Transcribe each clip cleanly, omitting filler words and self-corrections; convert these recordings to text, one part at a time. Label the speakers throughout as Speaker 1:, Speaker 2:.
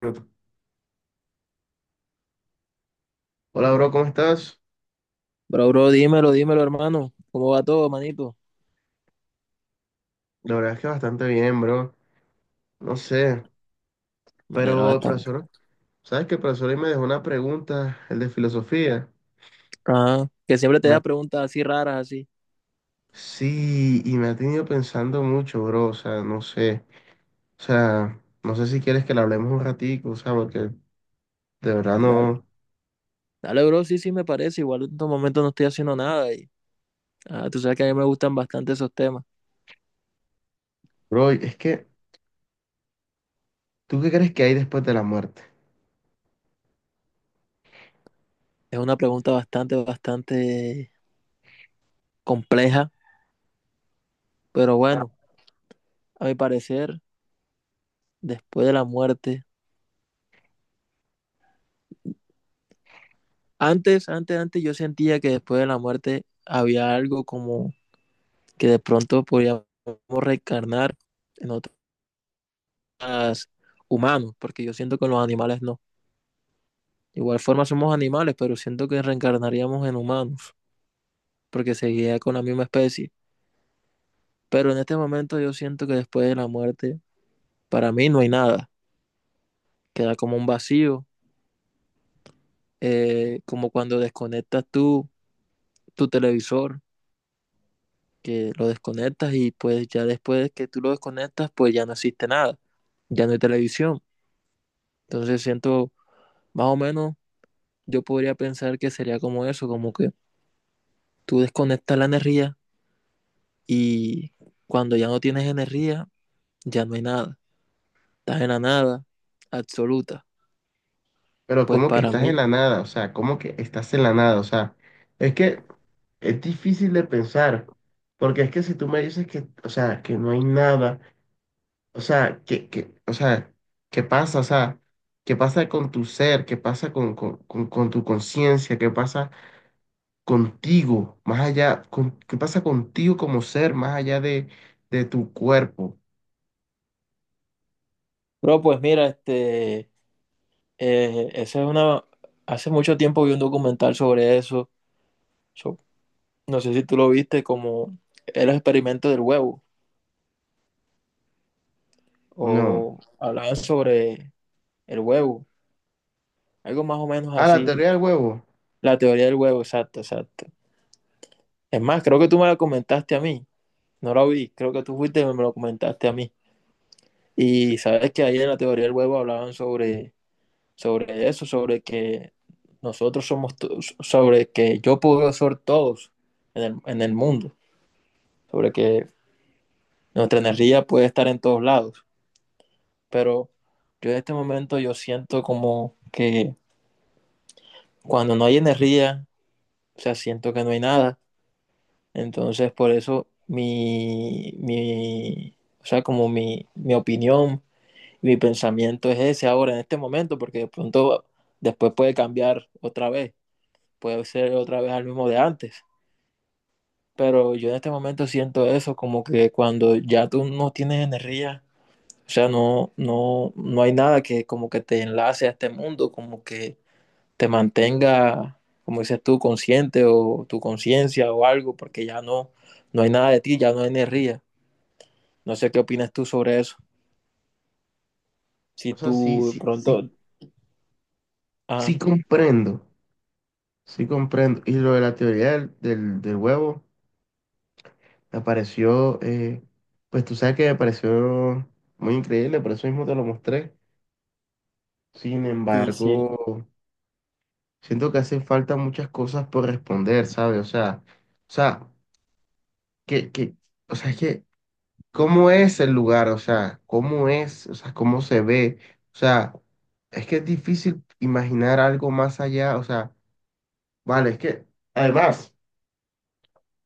Speaker 1: Minuto. Hola, bro, ¿cómo estás?
Speaker 2: Bro, dímelo, hermano. ¿Cómo va todo, manito?
Speaker 1: La verdad es que bastante bien, bro. No sé,
Speaker 2: Me alegra
Speaker 1: pero el
Speaker 2: bastante.
Speaker 1: profesor, ¿sabes que el profesor hoy me dejó una pregunta, el de filosofía?
Speaker 2: Ajá. Que siempre te
Speaker 1: Me-
Speaker 2: da
Speaker 1: ha-
Speaker 2: preguntas así raras, así.
Speaker 1: Sí, y me ha tenido pensando mucho, bro. O sea, no sé. O sea, no sé si quieres que le hablemos un ratico, o sea, porque de verdad
Speaker 2: Dale,
Speaker 1: no.
Speaker 2: dale, bro, sí, sí, me parece. Igual en estos momentos no estoy haciendo nada y tú sabes que a mí me gustan bastante esos temas.
Speaker 1: Bro, es que, ¿tú qué crees que hay después de la muerte?
Speaker 2: Es una pregunta bastante compleja, pero bueno, a mi parecer, después de la muerte, antes yo sentía que después de la muerte había algo como que de pronto podíamos reencarnar en otros humanos, porque yo siento que en los animales no. De igual forma somos animales, pero siento que reencarnaríamos en humanos, porque seguiría con la misma especie. Pero en este momento yo siento que después de la muerte, para mí no hay nada. Queda como un vacío, como cuando desconectas tú, tu televisor, que lo desconectas y pues ya después que tú lo desconectas, pues ya no existe nada, ya no hay televisión. Entonces siento, más o menos, yo podría pensar que sería como eso, como que tú desconectas la energía y cuando ya no tienes energía, ya no hay nada, estás en la nada absoluta,
Speaker 1: Pero
Speaker 2: pues
Speaker 1: como que
Speaker 2: para
Speaker 1: estás en
Speaker 2: mí.
Speaker 1: la nada, o sea, como que estás en la nada, o sea, es que es difícil de pensar, porque es que si tú me dices que, o sea, que no hay nada, o sea, que, o sea, ¿qué pasa? O sea, ¿qué pasa con tu ser? ¿Qué pasa con tu conciencia? ¿Qué pasa contigo, más allá, qué pasa contigo como ser, más allá de tu cuerpo?
Speaker 2: Bro, pues mira, esa es una, hace mucho tiempo vi un documental sobre eso, so- no sé si tú lo viste, como el experimento del huevo,
Speaker 1: No.
Speaker 2: o hablaban sobre el huevo, algo más o menos
Speaker 1: Ah, la
Speaker 2: así,
Speaker 1: teoría del huevo.
Speaker 2: la teoría del huevo, exacto, exacto. Es más, creo que tú me la comentaste a mí, no la vi, creo que tú fuiste y me lo comentaste a mí.
Speaker 1: Sí.
Speaker 2: Y sabes que ahí en la teoría del huevo hablaban sobre eso, sobre que nosotros somos, sobre que yo puedo ser todos en el mundo, sobre que nuestra energía puede estar en todos lados. Pero yo en este momento yo siento como que cuando no hay energía, o sea, siento que no hay nada. Entonces, por eso mi, o sea, como mi opinión, mi pensamiento es ese ahora, en este momento, porque de pronto después puede cambiar otra vez, puede ser otra vez al mismo de antes. Pero yo en este momento siento eso, como que cuando ya tú no tienes energía, o sea, no hay nada que como que te enlace a este mundo, como que te mantenga, como dices tú, consciente o tu conciencia o algo, porque ya no, no hay nada de ti, ya no hay energía. No sé qué opinas tú sobre eso. Si
Speaker 1: O sea,
Speaker 2: tú
Speaker 1: sí, sí,
Speaker 2: pronto,
Speaker 1: sí,
Speaker 2: ajá,
Speaker 1: sí comprendo. Sí, comprendo. Y lo de la teoría del huevo me pareció, pues tú sabes que me pareció muy increíble, por eso mismo te lo mostré. Sin
Speaker 2: sí, sí.
Speaker 1: embargo, siento que hacen falta muchas cosas por responder, ¿sabes? O sea, que, o sea, es que, ¿cómo es el lugar? O sea, ¿cómo es? O sea, ¿cómo se ve? O sea, es que es difícil imaginar algo más allá. O sea, vale, es que, además.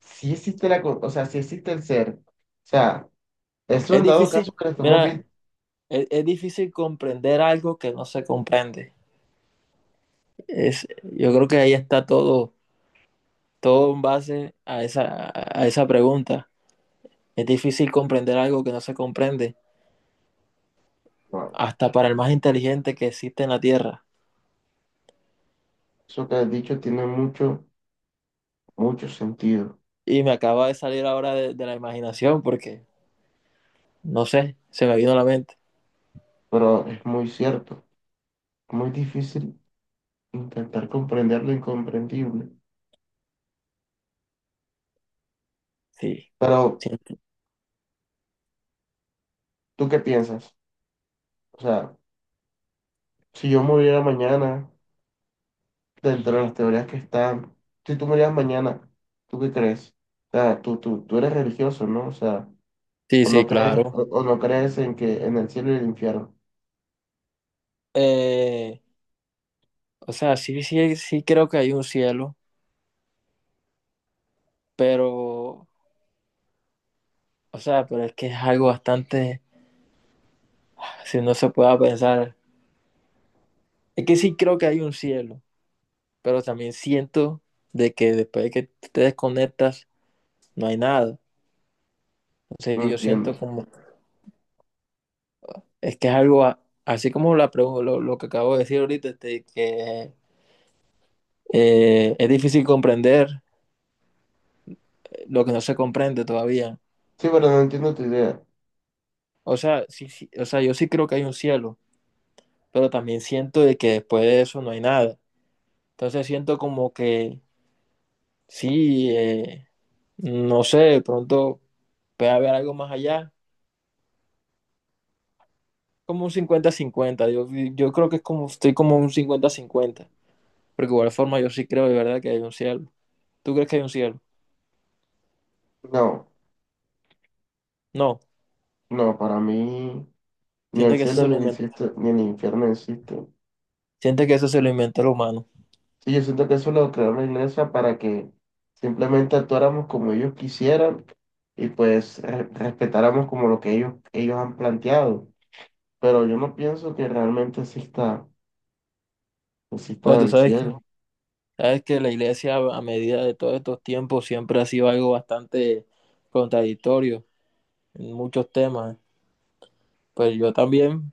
Speaker 1: Sí existe la, o sea, sí existe el ser. O sea, eso
Speaker 2: Es
Speaker 1: en dado caso
Speaker 2: difícil,
Speaker 1: que lo estamos
Speaker 2: mira,
Speaker 1: viendo,
Speaker 2: es difícil comprender algo que no se comprende. Es, yo creo que ahí está todo. Todo en base a esa pregunta. Es difícil comprender algo que no se comprende,
Speaker 1: bueno,
Speaker 2: hasta para el más inteligente que existe en la Tierra.
Speaker 1: eso que has dicho tiene mucho sentido,
Speaker 2: Y me acaba de salir ahora de la imaginación porque, no sé, se me vino a la mente.
Speaker 1: pero es muy cierto, muy difícil intentar comprender lo incomprendible.
Speaker 2: Sí,
Speaker 1: Pero,
Speaker 2: sí,
Speaker 1: ¿tú qué piensas? O sea, si yo muriera mañana, dentro de las teorías que están, si tú murieras mañana, ¿tú qué crees? O sea, tú eres religioso, ¿no? O sea,
Speaker 2: sí,
Speaker 1: o
Speaker 2: sí,
Speaker 1: no crees,
Speaker 2: claro.
Speaker 1: o no crees en que en el cielo y el infierno.
Speaker 2: Eh, o sea, sí, sí, sí creo que hay un cielo, pero, o sea, pero es que es algo bastante, si no se puede pensar, es que sí creo que hay un cielo, pero también siento de que después de que tú te desconectas, no hay nada.
Speaker 1: No
Speaker 2: Entonces yo siento
Speaker 1: entiendo.
Speaker 2: como, es que es algo, así como la, lo que acabo de decir ahorita, que es difícil comprender lo que no se comprende todavía.
Speaker 1: Sí, pero no entiendo tu idea.
Speaker 2: O sea, sí, sí, o sea, yo sí creo que hay un cielo, pero también siento de que después de eso no hay nada. Entonces siento como que sí, no sé, de pronto puede haber algo más allá, como un cincuenta-cincuenta. Yo creo que es como, estoy como un cincuenta-cincuenta, porque de igual forma yo sí creo de verdad que hay un cielo. ¿Tú crees que hay un cielo?
Speaker 1: No,
Speaker 2: No,
Speaker 1: no, para mí ni el
Speaker 2: siente que eso
Speaker 1: cielo
Speaker 2: se
Speaker 1: ni
Speaker 2: lo inventó,
Speaker 1: ni el infierno existen.
Speaker 2: siente que eso se lo inventó el humano.
Speaker 1: Sí, yo siento que eso lo creó la iglesia para que simplemente actuáramos como ellos quisieran y pues respetáramos como lo que ellos han planteado. Pero yo no pienso que realmente
Speaker 2: Bueno,
Speaker 1: exista el cielo.
Speaker 2: sabes que la iglesia a medida de todos estos tiempos siempre ha sido algo bastante contradictorio en muchos temas. Pues yo también,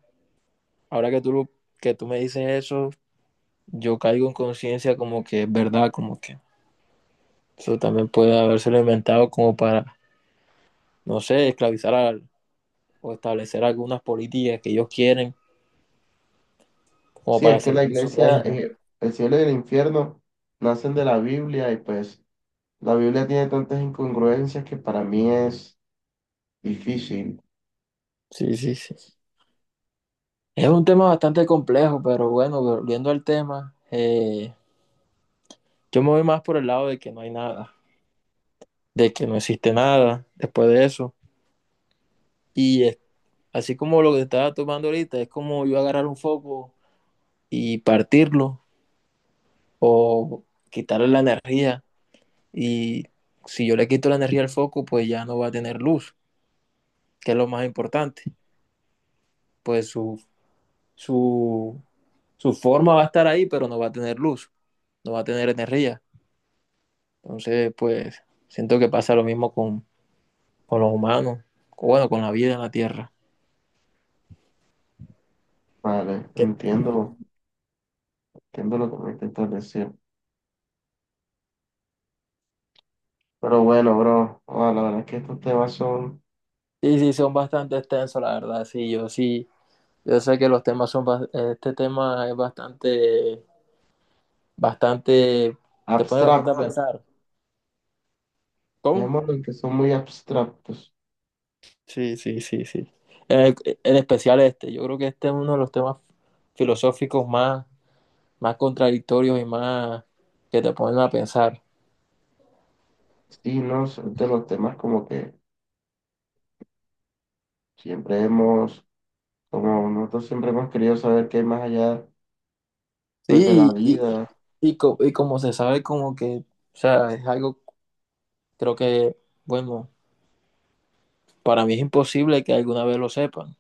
Speaker 2: ahora que que tú me dices eso, yo caigo en conciencia como que es verdad, como que eso también puede habérselo inventado como para, no sé, o establecer algunas políticas que ellos quieren como
Speaker 1: Sí,
Speaker 2: para
Speaker 1: es que la
Speaker 2: seguir su
Speaker 1: iglesia,
Speaker 2: reina.
Speaker 1: el cielo y el infierno nacen de la Biblia y pues la Biblia tiene tantas incongruencias que para mí es difícil.
Speaker 2: Sí, sí, sí. Es un tema bastante complejo, pero bueno, volviendo al tema, yo me voy más por el lado de que no hay nada, de que no existe nada después de eso. Y es- así como lo que estaba tomando ahorita, es como yo agarrar un foco y partirlo o quitarle la energía. Y si yo le quito la energía al foco, pues ya no va a tener luz, que es lo más importante. Pues su, su forma va a estar ahí, pero no va a tener luz, no va a tener energía. Entonces, pues, siento que pasa lo mismo con los humanos, o bueno, con la vida en la Tierra.
Speaker 1: Vale,
Speaker 2: ¿Qué?
Speaker 1: entiendo, entiendo lo que me intentas decir. Pero bueno, bro, ah, la verdad es que estos temas son
Speaker 2: Sí, sí, son bastante extensos, la verdad, yo sé que los temas son, este tema es bastante, te pone bastante a
Speaker 1: abstractos.
Speaker 2: pensar. ¿Cómo?
Speaker 1: Dejémoslo en que son muy abstractos.
Speaker 2: Sí, sí, sí, sí. En especial este, yo creo que este es uno de los temas filosóficos más contradictorios y más que te ponen a pensar.
Speaker 1: Sí, no, son de los temas como que siempre hemos, como nosotros siempre hemos querido saber qué hay más allá, pues, de la
Speaker 2: Sí, y,
Speaker 1: vida.
Speaker 2: y como se sabe como que, o sea, es algo. Creo que, bueno, para mí es imposible que alguna vez lo sepan.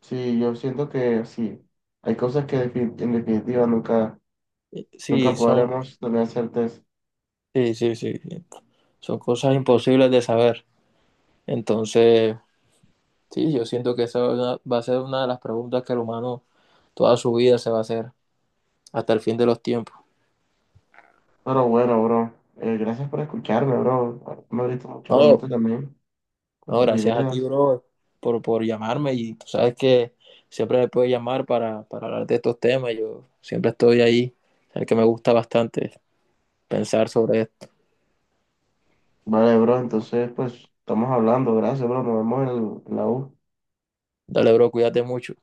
Speaker 1: Sí, yo siento que sí, hay cosas que en definitiva nunca,
Speaker 2: Sí,
Speaker 1: nunca
Speaker 2: son,
Speaker 1: podremos tener certeza.
Speaker 2: sí, sí, sí, sí, son cosas imposibles de saber. Entonces, sí, yo siento que esa va a ser una de las preguntas que el humano toda su vida se va a hacer hasta el fin de los tiempos.
Speaker 1: Pero bueno, bro, gracias por escucharme, bro. Me abriste mucho la mente
Speaker 2: No,
Speaker 1: también con
Speaker 2: no,
Speaker 1: tus
Speaker 2: gracias a ti,
Speaker 1: ideas.
Speaker 2: bro, por llamarme y tú sabes que siempre me puedes llamar para hablar de estos temas. Yo siempre estoy ahí, el que me gusta bastante pensar sobre esto.
Speaker 1: Vale, bro, entonces, pues, estamos hablando. Gracias, bro. Nos vemos en en la U.
Speaker 2: Dale, bro, cuídate mucho.